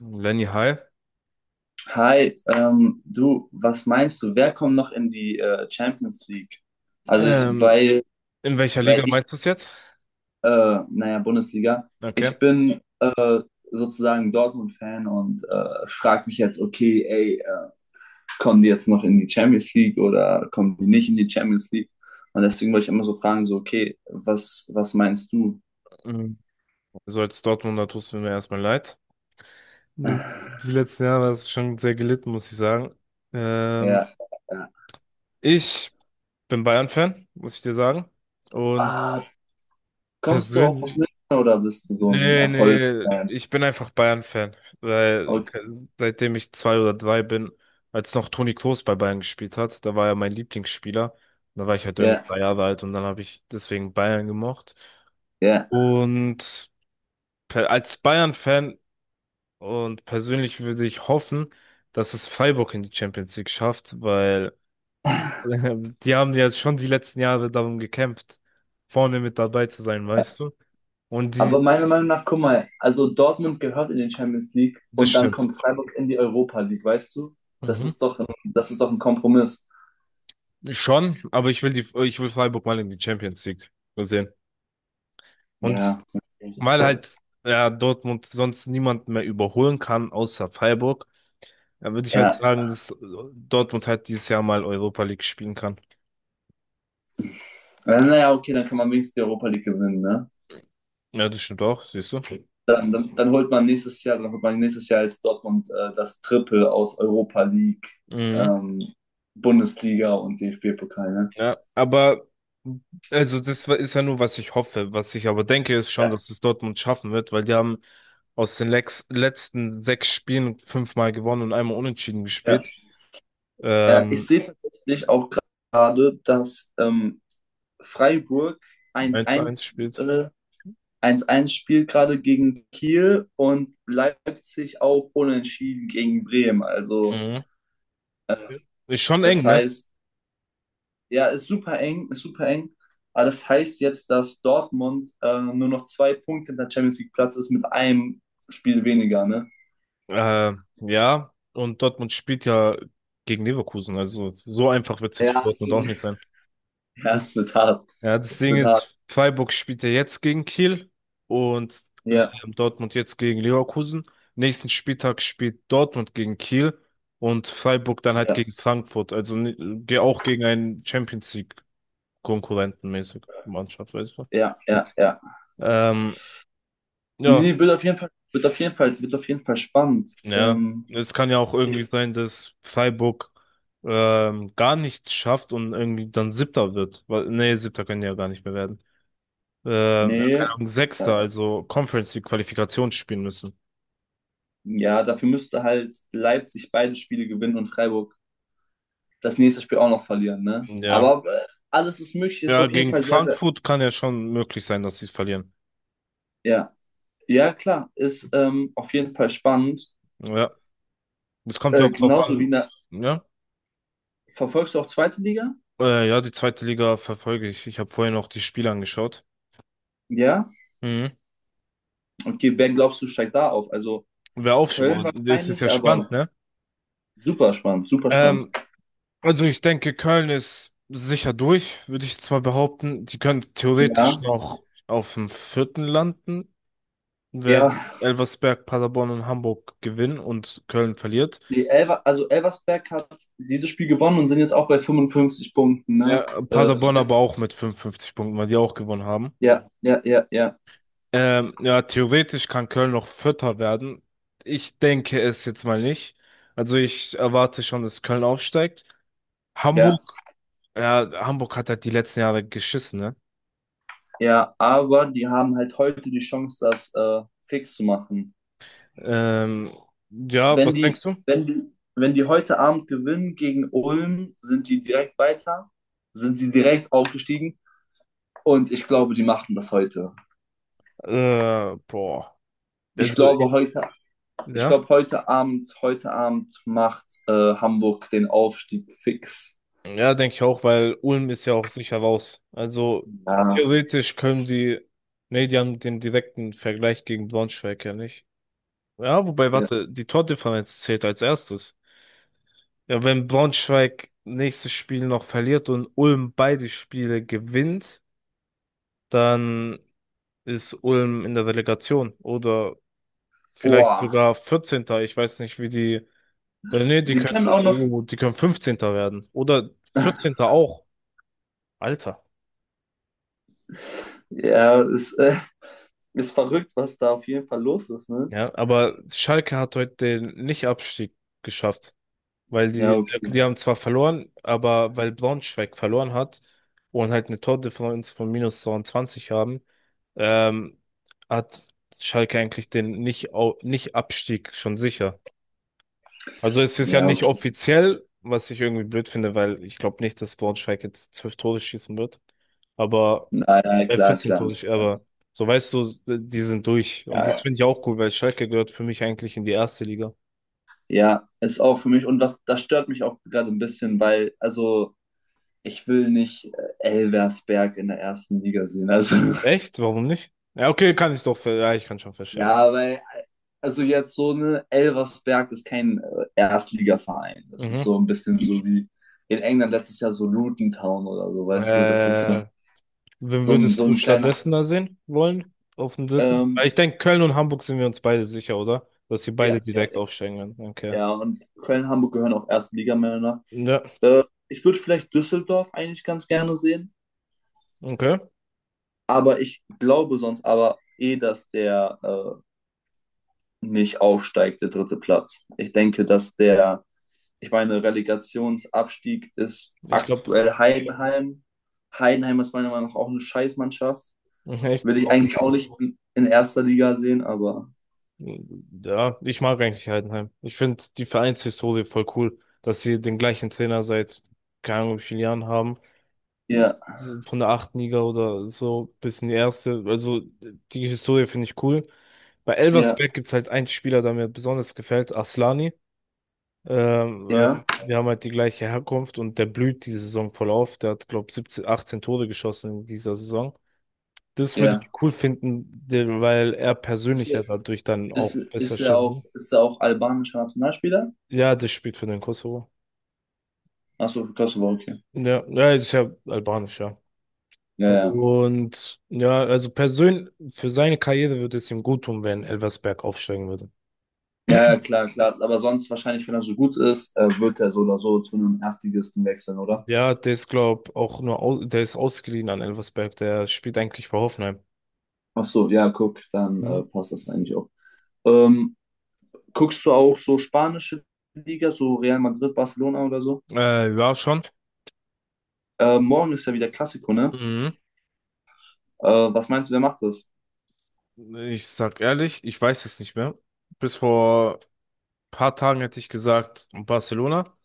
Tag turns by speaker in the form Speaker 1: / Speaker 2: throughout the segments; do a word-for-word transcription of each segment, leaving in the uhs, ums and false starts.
Speaker 1: Lenny, hi.
Speaker 2: Hi, ähm, du, was meinst du? Wer kommt noch in die äh, Champions League? Also ich,
Speaker 1: Ähm,
Speaker 2: weil,
Speaker 1: in welcher
Speaker 2: weil
Speaker 1: Liga
Speaker 2: ich,
Speaker 1: meinst du es jetzt?
Speaker 2: äh, naja, Bundesliga,
Speaker 1: Okay.
Speaker 2: ich bin sozusagen Dortmund-Fan und äh, frage mich jetzt, okay, ey, äh, kommen die jetzt noch in die Champions League oder kommen die nicht in die Champions League? Und deswegen wollte ich immer so fragen, so, okay, was, was meinst du?
Speaker 1: Mhm. Also als Dortmunder tust du mir erstmal leid. Die letzten Jahre hast du schon sehr gelitten, muss ich sagen. Ähm,
Speaker 2: Ja, ja.
Speaker 1: Ich bin Bayern-Fan, muss ich dir sagen. Und
Speaker 2: Ah, kommst du auch aus
Speaker 1: persönlich,
Speaker 2: München oder bist du so ein
Speaker 1: nee, nee,
Speaker 2: Erfolgsfan?
Speaker 1: ich bin einfach Bayern-Fan, weil
Speaker 2: Okay,
Speaker 1: seitdem ich zwei oder drei bin, als noch Toni Kroos bei Bayern gespielt hat, da war er mein Lieblingsspieler. Da war ich halt irgendwie
Speaker 2: ja,
Speaker 1: drei Jahre alt und dann habe ich deswegen Bayern gemocht.
Speaker 2: ja.
Speaker 1: Und per- als Bayern-Fan und persönlich würde ich hoffen, dass es Freiburg in die Champions League schafft, weil die haben ja schon die letzten Jahre darum gekämpft, vorne mit dabei zu sein, weißt du? Und die,
Speaker 2: Aber meiner Meinung nach, guck mal, also Dortmund gehört in den Champions League
Speaker 1: Das
Speaker 2: und dann
Speaker 1: stimmt.
Speaker 2: kommt Freiburg in die Europa League, weißt du? Das
Speaker 1: Mhm.
Speaker 2: ist doch ein, das ist doch ein Kompromiss.
Speaker 1: Schon, aber ich will die, ich will Freiburg mal in die Champions League sehen. Und
Speaker 2: Ja,
Speaker 1: weil
Speaker 2: okay.
Speaker 1: halt, ja, Dortmund sonst niemand mehr überholen kann, außer Freiburg, dann würde ich
Speaker 2: ja.
Speaker 1: halt sagen, dass Dortmund halt dieses Jahr mal Europa League spielen kann.
Speaker 2: Na- Naja, okay, dann kann man wenigstens die Europa League gewinnen, ne?
Speaker 1: Ja, das stimmt auch, siehst du.
Speaker 2: Dann, dann, dann holt man nächstes Jahr, dann holt man nächstes Jahr als Dortmund äh, das Triple aus Europa League,
Speaker 1: Mhm.
Speaker 2: ähm, Bundesliga und D F B-Pokal, ne?
Speaker 1: Ja, aber also das war- ist ja nur, was ich hoffe. Was ich aber denke, ist schon,
Speaker 2: Ja,
Speaker 1: dass es Dortmund schaffen wird, weil die haben aus den lex letzten sechs Spielen fünfmal gewonnen und einmal unentschieden
Speaker 2: ja.
Speaker 1: gespielt.
Speaker 2: Ja, ich
Speaker 1: Ähm,
Speaker 2: sehe tatsächlich auch gerade, dass ähm, Freiburg 1-1
Speaker 1: eins zu eins spielt.
Speaker 2: äh, eins zu eins spielt gerade gegen Kiel und Leipzig auch unentschieden gegen Bremen. Also
Speaker 1: Mhm. Ja. Ist schon
Speaker 2: das
Speaker 1: eng, ne?
Speaker 2: heißt, ja, ist super eng, ist super eng. Aber das heißt jetzt, dass Dortmund äh, nur noch zwei Punkte hinter Champions League Platz ist mit einem Spiel weniger, ne?
Speaker 1: Äh, ja, und Dortmund spielt ja gegen Leverkusen. Also so einfach wird es jetzt für
Speaker 2: Ja, es
Speaker 1: Dortmund auch
Speaker 2: wird,
Speaker 1: nicht sein.
Speaker 2: Ja,
Speaker 1: Das
Speaker 2: es wird hart.
Speaker 1: Ja, das
Speaker 2: Es
Speaker 1: Ding
Speaker 2: wird hart.
Speaker 1: ist, Freiburg spielt ja jetzt gegen Kiel und
Speaker 2: Ja,
Speaker 1: Dortmund jetzt gegen Leverkusen. Nächsten Spieltag spielt Dortmund gegen Kiel und Freiburg dann halt
Speaker 2: ja,
Speaker 1: gegen Frankfurt. Also ni- ge- auch gegen einen Champions League-Konkurrenten mäßig Mannschaft, weißt du.
Speaker 2: ja, ja, ja.
Speaker 1: Ähm, ja,
Speaker 2: Nee, wird auf jeden Fall, wird auf jeden Fall, wird auf jeden Fall spannend.
Speaker 1: ja.
Speaker 2: Ähm,
Speaker 1: Es kann ja auch
Speaker 2: ich,
Speaker 1: irgendwie sein, dass Freiburg ähm, gar nichts schafft und irgendwie dann Siebter wird. Weil- Nee, Siebter können die ja gar nicht mehr werden. Äh, keine
Speaker 2: nee,
Speaker 1: Ahnung, Sechster, also Conference League Qualifikation spielen müssen.
Speaker 2: ja, dafür müsste halt Leipzig beide Spiele gewinnen und Freiburg das nächste Spiel auch noch verlieren, ne?
Speaker 1: Ja.
Speaker 2: Aber äh, alles ist möglich, ist
Speaker 1: Ja,
Speaker 2: auf jeden
Speaker 1: gegen
Speaker 2: Fall sehr, sehr,
Speaker 1: Frankfurt kann ja schon möglich sein, dass sie verlieren.
Speaker 2: ja. Ja, klar, ist ähm, auf jeden Fall spannend.
Speaker 1: Ja. Das kommt ja
Speaker 2: Äh,
Speaker 1: auch drauf
Speaker 2: genauso wie
Speaker 1: an.
Speaker 2: in der,
Speaker 1: Ja.
Speaker 2: verfolgst du auch zweite Liga?
Speaker 1: Äh, ja, die zweite Liga verfolge ich. Ich habe vorhin auch die Spiele angeschaut.
Speaker 2: Ja?
Speaker 1: Mhm.
Speaker 2: Okay, wer glaubst du steigt da auf? Also
Speaker 1: Wer aufschaut,
Speaker 2: Köln
Speaker 1: boah, das ist
Speaker 2: wahrscheinlich,
Speaker 1: ja
Speaker 2: aber
Speaker 1: spannend, ne?
Speaker 2: super spannend, super spannend.
Speaker 1: Ähm, also ich denke, Köln ist sicher durch, würde ich zwar behaupten. Die können
Speaker 2: Ja,
Speaker 1: theoretisch noch auf dem vierten landen, wenn
Speaker 2: ja,
Speaker 1: Elversberg, Paderborn und Hamburg gewinnen und Köln verliert.
Speaker 2: die Elver, also Elversberg hat dieses Spiel gewonnen und sind jetzt auch bei fünfundfünfzig Punkten, ne?
Speaker 1: Ja,
Speaker 2: Äh,
Speaker 1: Paderborn aber
Speaker 2: jetzt,
Speaker 1: auch mit fünfundfünfzig Punkten, weil die auch gewonnen haben.
Speaker 2: ja, ja, ja, ja,
Speaker 1: Ähm, ja, theoretisch kann Köln noch Vierter werden. Ich denke es jetzt mal nicht. Also ich erwarte schon, dass Köln aufsteigt.
Speaker 2: ja,
Speaker 1: Hamburg, ja, Hamburg hat halt die letzten Jahre geschissen, ne?
Speaker 2: ja, aber die haben halt heute die Chance, das äh, fix zu machen.
Speaker 1: Ähm, ja, was
Speaker 2: Wenn die,
Speaker 1: denkst du?
Speaker 2: wenn die, wenn die heute Abend gewinnen gegen Ulm, sind die direkt weiter, sind sie direkt aufgestiegen und ich glaube, die machen das heute.
Speaker 1: Äh, boah.
Speaker 2: Ich
Speaker 1: Also, ich,
Speaker 2: glaube heute, ich
Speaker 1: ja.
Speaker 2: glaube heute Abend, heute Abend macht äh, Hamburg den Aufstieg fix.
Speaker 1: Ja, denke ich auch, weil Ulm ist ja auch sicher raus. Also
Speaker 2: Ja.
Speaker 1: theoretisch können die, nee, die haben den direkten Vergleich gegen Braunschweig ja nicht. Ja, wobei,
Speaker 2: ja.
Speaker 1: warte, die Tordifferenz zählt als erstes. Ja, wenn Braunschweig nächstes Spiel noch verliert und Ulm beide Spiele gewinnt, dann ist Ulm in der Relegation oder vielleicht
Speaker 2: Boah,
Speaker 1: sogar vierzehnter. Ich weiß nicht, wie die. Äh, nee, die
Speaker 2: die
Speaker 1: können
Speaker 2: können
Speaker 1: so,
Speaker 2: auch noch.
Speaker 1: oh, die können fünfzehnter werden. Oder vierzehnter auch. Alter.
Speaker 2: Ja, ist, äh, ist verrückt, was da auf jeden Fall los ist, ne?
Speaker 1: Ja, aber Schalke hat heute den Nicht-Abstieg geschafft. Weil
Speaker 2: Ja,
Speaker 1: die,
Speaker 2: okay.
Speaker 1: die haben zwar verloren, aber weil Braunschweig verloren hat und halt eine Tordifferenz von minus zweiundzwanzig haben, ähm, hat Schalke eigentlich den nicht, au- nicht Abstieg schon sicher. Also es ist ja
Speaker 2: Ja,
Speaker 1: nicht
Speaker 2: okay.
Speaker 1: offiziell, was ich irgendwie blöd finde, weil ich glaube nicht, dass Braunschweig jetzt zwölf Tore schießen wird. Aber
Speaker 2: Na, ja,
Speaker 1: äh,
Speaker 2: klar,
Speaker 1: vierzehn
Speaker 2: klar.
Speaker 1: Tore, sch- aber so weißt du, die sind durch.
Speaker 2: Ja,
Speaker 1: Und das
Speaker 2: ja.
Speaker 1: finde ich auch cool, weil Schalke gehört für mich eigentlich in die erste Liga.
Speaker 2: Ja, ist auch für mich. Und das, das stört mich auch gerade ein bisschen, weil, also, ich will nicht äh, Elversberg in der ersten Liga sehen. Also,
Speaker 1: Echt? Warum nicht? Ja, okay, kann ich doch, ver- ja, ich kann schon verstehen.
Speaker 2: ja, weil, also jetzt so eine Elversberg ist kein äh, Erstligaverein. Das ist
Speaker 1: Mhm.
Speaker 2: so ein bisschen so wie in England letztes Jahr so Luton Town oder so, weißt du, das ist
Speaker 1: Äh,
Speaker 2: so,
Speaker 1: Wen
Speaker 2: so ein, so
Speaker 1: würdest du
Speaker 2: ein kleiner.
Speaker 1: stattdessen da sehen wollen? Auf dem dritten? Weil
Speaker 2: Ähm,
Speaker 1: ich denke, Köln und Hamburg sind wir uns beide sicher, oder? Dass wir beide
Speaker 2: ja, ja,
Speaker 1: direkt
Speaker 2: ja.
Speaker 1: aufsteigen werden. Okay.
Speaker 2: Ja, und Köln, Hamburg gehören auch Erstligamänner.
Speaker 1: Ja,
Speaker 2: Äh, ich würde vielleicht Düsseldorf eigentlich ganz gerne sehen.
Speaker 1: okay.
Speaker 2: Aber ich glaube sonst aber eh, dass der äh, nicht aufsteigt, der dritte Platz. Ich denke, dass der, ich meine, Relegationsabstieg ist
Speaker 1: Ich glaube,
Speaker 2: aktuell Heidenheim. Heidenheim ist meiner Meinung nach auch eine Scheißmannschaft.
Speaker 1: echt.
Speaker 2: würde ich
Speaker 1: Warum?
Speaker 2: eigentlich auch nicht in, in erster Liga sehen, aber
Speaker 1: Ja, ich mag eigentlich Heidenheim. Ich finde die Vereinshistorie voll cool, dass sie den gleichen Trainer seit keine Ahnung wie vielen Jahren haben.
Speaker 2: ja,
Speaker 1: Von der achten Liga oder so bis in die erste. Also die Historie finde ich cool. Bei
Speaker 2: ja,
Speaker 1: Elversberg gibt es halt einen Spieler, der mir besonders gefällt, Aslani. Ähm, äh,
Speaker 2: ja,
Speaker 1: Wir haben halt die gleiche Herkunft und der blüht diese Saison voll auf. Der hat, glaube ich, siebzehn, achtzehn Tore geschossen in dieser Saison. Das würde
Speaker 2: ja.
Speaker 1: ich cool finden, de- weil er
Speaker 2: Ist,
Speaker 1: persönlich ja dadurch dann
Speaker 2: ist,
Speaker 1: auch besser
Speaker 2: ist er
Speaker 1: stehen
Speaker 2: auch,
Speaker 1: würde.
Speaker 2: ist er auch albanischer Nationalspieler?
Speaker 1: Ja, das spielt für den Kosovo.
Speaker 2: Achso, Kosovo, okay.
Speaker 1: Ja, ja, ist ja albanisch, ja.
Speaker 2: Ja, ja.
Speaker 1: Und ja, also persönlich, für seine Karriere würde es ihm gut tun, wenn Elversberg aufsteigen würde.
Speaker 2: Ja, ja, klar, klar. Aber sonst wahrscheinlich, wenn er so gut ist, äh, wird er so oder so zu einem Erstligisten wechseln, oder?
Speaker 1: Ja, der ist, glaub, auch nur, aus, der ist ausgeliehen an Elversberg, der spielt eigentlich für Hoffenheim.
Speaker 2: Ach so, ja, guck, dann
Speaker 1: Hm?
Speaker 2: äh, passt das eigentlich auch. Ähm, guckst du auch so spanische Liga, so Real Madrid, Barcelona oder so?
Speaker 1: Äh, ja, schon.
Speaker 2: Äh, morgen ist ja wieder Klassiko, ne?
Speaker 1: Mhm.
Speaker 2: Äh, was meinst du, wer macht das?
Speaker 1: Ich sag ehrlich, ich weiß es nicht mehr. Bis vor paar Tagen hätte ich gesagt Barcelona,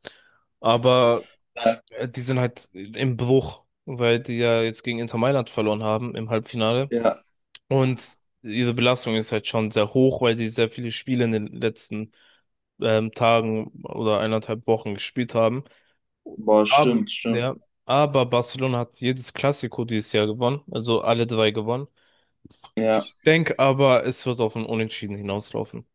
Speaker 1: aber
Speaker 2: Ja,
Speaker 1: äh, die sind halt im Bruch, weil die ja jetzt gegen Inter Mailand verloren haben im Halbfinale.
Speaker 2: ja.
Speaker 1: Und diese Belastung ist halt schon sehr hoch, weil die sehr viele Spiele in den letzten ähm, Tagen oder eineinhalb Wochen gespielt haben.
Speaker 2: boah,
Speaker 1: Aber,
Speaker 2: stimmt, stimmt.
Speaker 1: ja, aber Barcelona hat jedes Clasico dieses Jahr gewonnen, also alle drei gewonnen.
Speaker 2: Ja,
Speaker 1: Ich denke aber, es wird auf ein Unentschieden hinauslaufen.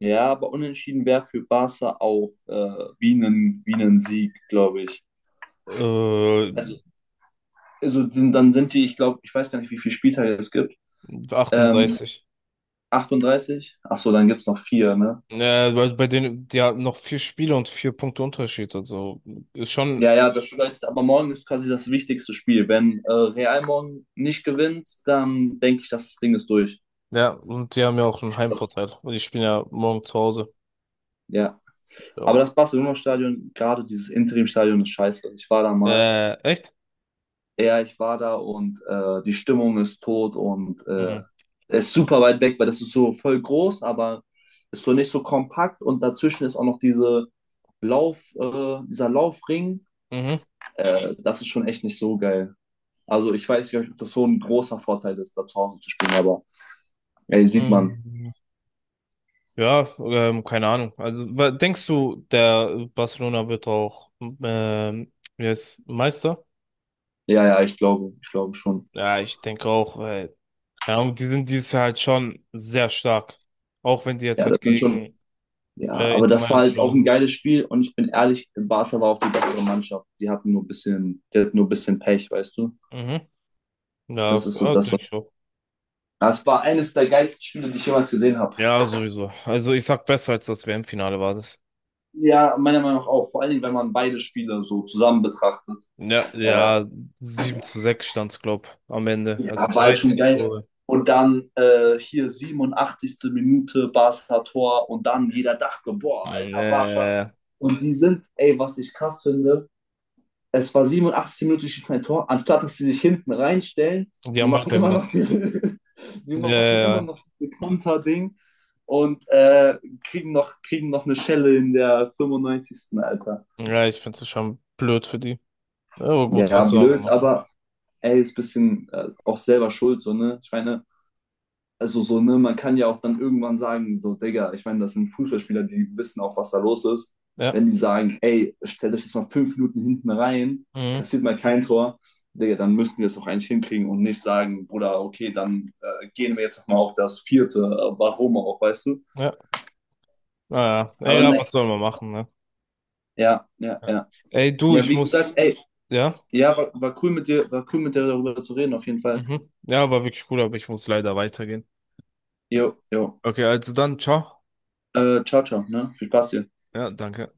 Speaker 2: ja, aber unentschieden wäre für Barca auch äh, wie ein, wie ein Sieg, glaube ich.
Speaker 1: Äh,
Speaker 2: Also, also sind- dann sind die, ich glaube, ich weiß gar nicht, wie viele Spieltage es gibt. Ähm,
Speaker 1: achtunddreißig.
Speaker 2: achtunddreißig? Ach so, dann gibt's noch vier, ne?
Speaker 1: Ja, weil bei denen, die haben noch vier Spiele und vier Punkte Unterschied, also ist schon,
Speaker 2: Ja, ja, das bedeutet aber morgen ist quasi das wichtigste Spiel. Wenn äh, Real morgen nicht gewinnt, dann denke ich, das Ding ist durch.
Speaker 1: ja, und die haben ja auch einen Heimvorteil. Und die spielen ja morgen zu Hause.
Speaker 2: Ja. Aber
Speaker 1: Ja.
Speaker 2: das Barcelona-Stadion, gerade dieses Interim-Stadion ist scheiße. Ich war da mal.
Speaker 1: Äh, echt?
Speaker 2: Ja, ich war da und äh, die Stimmung ist tot und äh,
Speaker 1: Mhm.
Speaker 2: ist super weit weg, weil das ist so voll groß, aber ist so nicht so kompakt und dazwischen ist auch noch diese Lauf, äh, dieser Laufring.
Speaker 1: Mhm.
Speaker 2: Äh, das ist schon echt nicht so geil. Also ich weiß nicht, ob das so ein großer Vorteil ist, da zu Hause zu spielen, aber ey, sieht man.
Speaker 1: Mhm. Ja, ähm, keine Ahnung. Also, wa- denkst du, der Barcelona wird auch ähm, wie heißt, Meister?
Speaker 2: Ja, ja, ich glaube, ich glaube schon.
Speaker 1: Ja, ich denke auch, weil, keine Ahnung, die sind dieses Jahr halt schon sehr stark. Auch wenn die jetzt
Speaker 2: Ja, das
Speaker 1: halt
Speaker 2: sind schon.
Speaker 1: gegen
Speaker 2: Ja,
Speaker 1: äh,
Speaker 2: aber
Speaker 1: Inter
Speaker 2: das war
Speaker 1: Mailand
Speaker 2: halt
Speaker 1: verloren
Speaker 2: auch ein
Speaker 1: haben.
Speaker 2: geiles Spiel und ich bin ehrlich, Barca war auch die bessere Mannschaft. Die hatten nur ein bisschen, die hatten nur ein bisschen Pech, weißt du?
Speaker 1: Mhm. Ja,
Speaker 2: Das ist so
Speaker 1: ja,
Speaker 2: das, was.
Speaker 1: denke ich auch.
Speaker 2: Das war eines der geilsten Spiele, die ich jemals gesehen habe.
Speaker 1: Ja, sowieso. Also ich sag besser als das W M-Finale war das.
Speaker 2: Ja, meiner Meinung nach auch. Vor allen Dingen, wenn man beide Spiele so zusammen betrachtet.
Speaker 1: Ja, ja, sieben zu sechs stand's, glaub, am Ende.
Speaker 2: Ja,
Speaker 1: Also
Speaker 2: war halt schon
Speaker 1: dreizehn
Speaker 2: geil.
Speaker 1: Tore.
Speaker 2: Und dann äh, hier siebenundachtzigsten. Minute Barca Tor und dann jeder dachte, boah,
Speaker 1: Mm, ja,
Speaker 2: alter Barca.
Speaker 1: ja, ja.
Speaker 2: Und die sind, ey, was ich krass finde, es war siebenundachtzigsten. Minute, die schießen ein Tor, anstatt dass sie sich hinten reinstellen,
Speaker 1: Die
Speaker 2: die
Speaker 1: haben
Speaker 2: machen immer noch
Speaker 1: weitergemacht.
Speaker 2: diese, die
Speaker 1: Ja,
Speaker 2: machen immer
Speaker 1: ja,
Speaker 2: noch dieses Konterding und äh, kriegen noch, kriegen noch eine Schelle in der fünfundneunzigsten. Alter.
Speaker 1: ja. Ja, ich finde es schon blöd für die. Ja, aber gut,
Speaker 2: Ja,
Speaker 1: was soll man
Speaker 2: blöd,
Speaker 1: machen?
Speaker 2: aber ey, ist ein bisschen äh, auch selber schuld, so, ne? Ich meine, also so, ne, man kann ja auch dann irgendwann sagen, so, Digga, ich meine, das sind Fußballspieler, die wissen auch, was da los ist.
Speaker 1: Ja.
Speaker 2: Wenn die sagen, ey, stellt euch jetzt mal fünf Minuten hinten rein,
Speaker 1: Mhm.
Speaker 2: kassiert mal kein Tor, Digga, dann müssten wir es auch eigentlich hinkriegen und nicht sagen, Bruder, okay, dann äh, gehen wir jetzt nochmal auf das vierte, äh, warum auch, weißt du?
Speaker 1: Ja. Naja,
Speaker 2: Aber
Speaker 1: egal, was
Speaker 2: ne,
Speaker 1: soll man machen, ne?
Speaker 2: ja, ja,
Speaker 1: Ja.
Speaker 2: ja.
Speaker 1: Ey, du,
Speaker 2: Ja,
Speaker 1: ich
Speaker 2: wie gesagt,
Speaker 1: muss.
Speaker 2: ey,
Speaker 1: Ja?
Speaker 2: ja, war, war cool mit dir, war cool mit dir darüber zu reden, auf jeden Fall.
Speaker 1: Mhm. Ja, war wirklich cool, aber ich muss leider weitergehen. Ja.
Speaker 2: Jo, jo.
Speaker 1: Okay, also dann, ciao.
Speaker 2: Äh, ciao, ciao, ne? Viel Spaß dir.
Speaker 1: Ja, danke.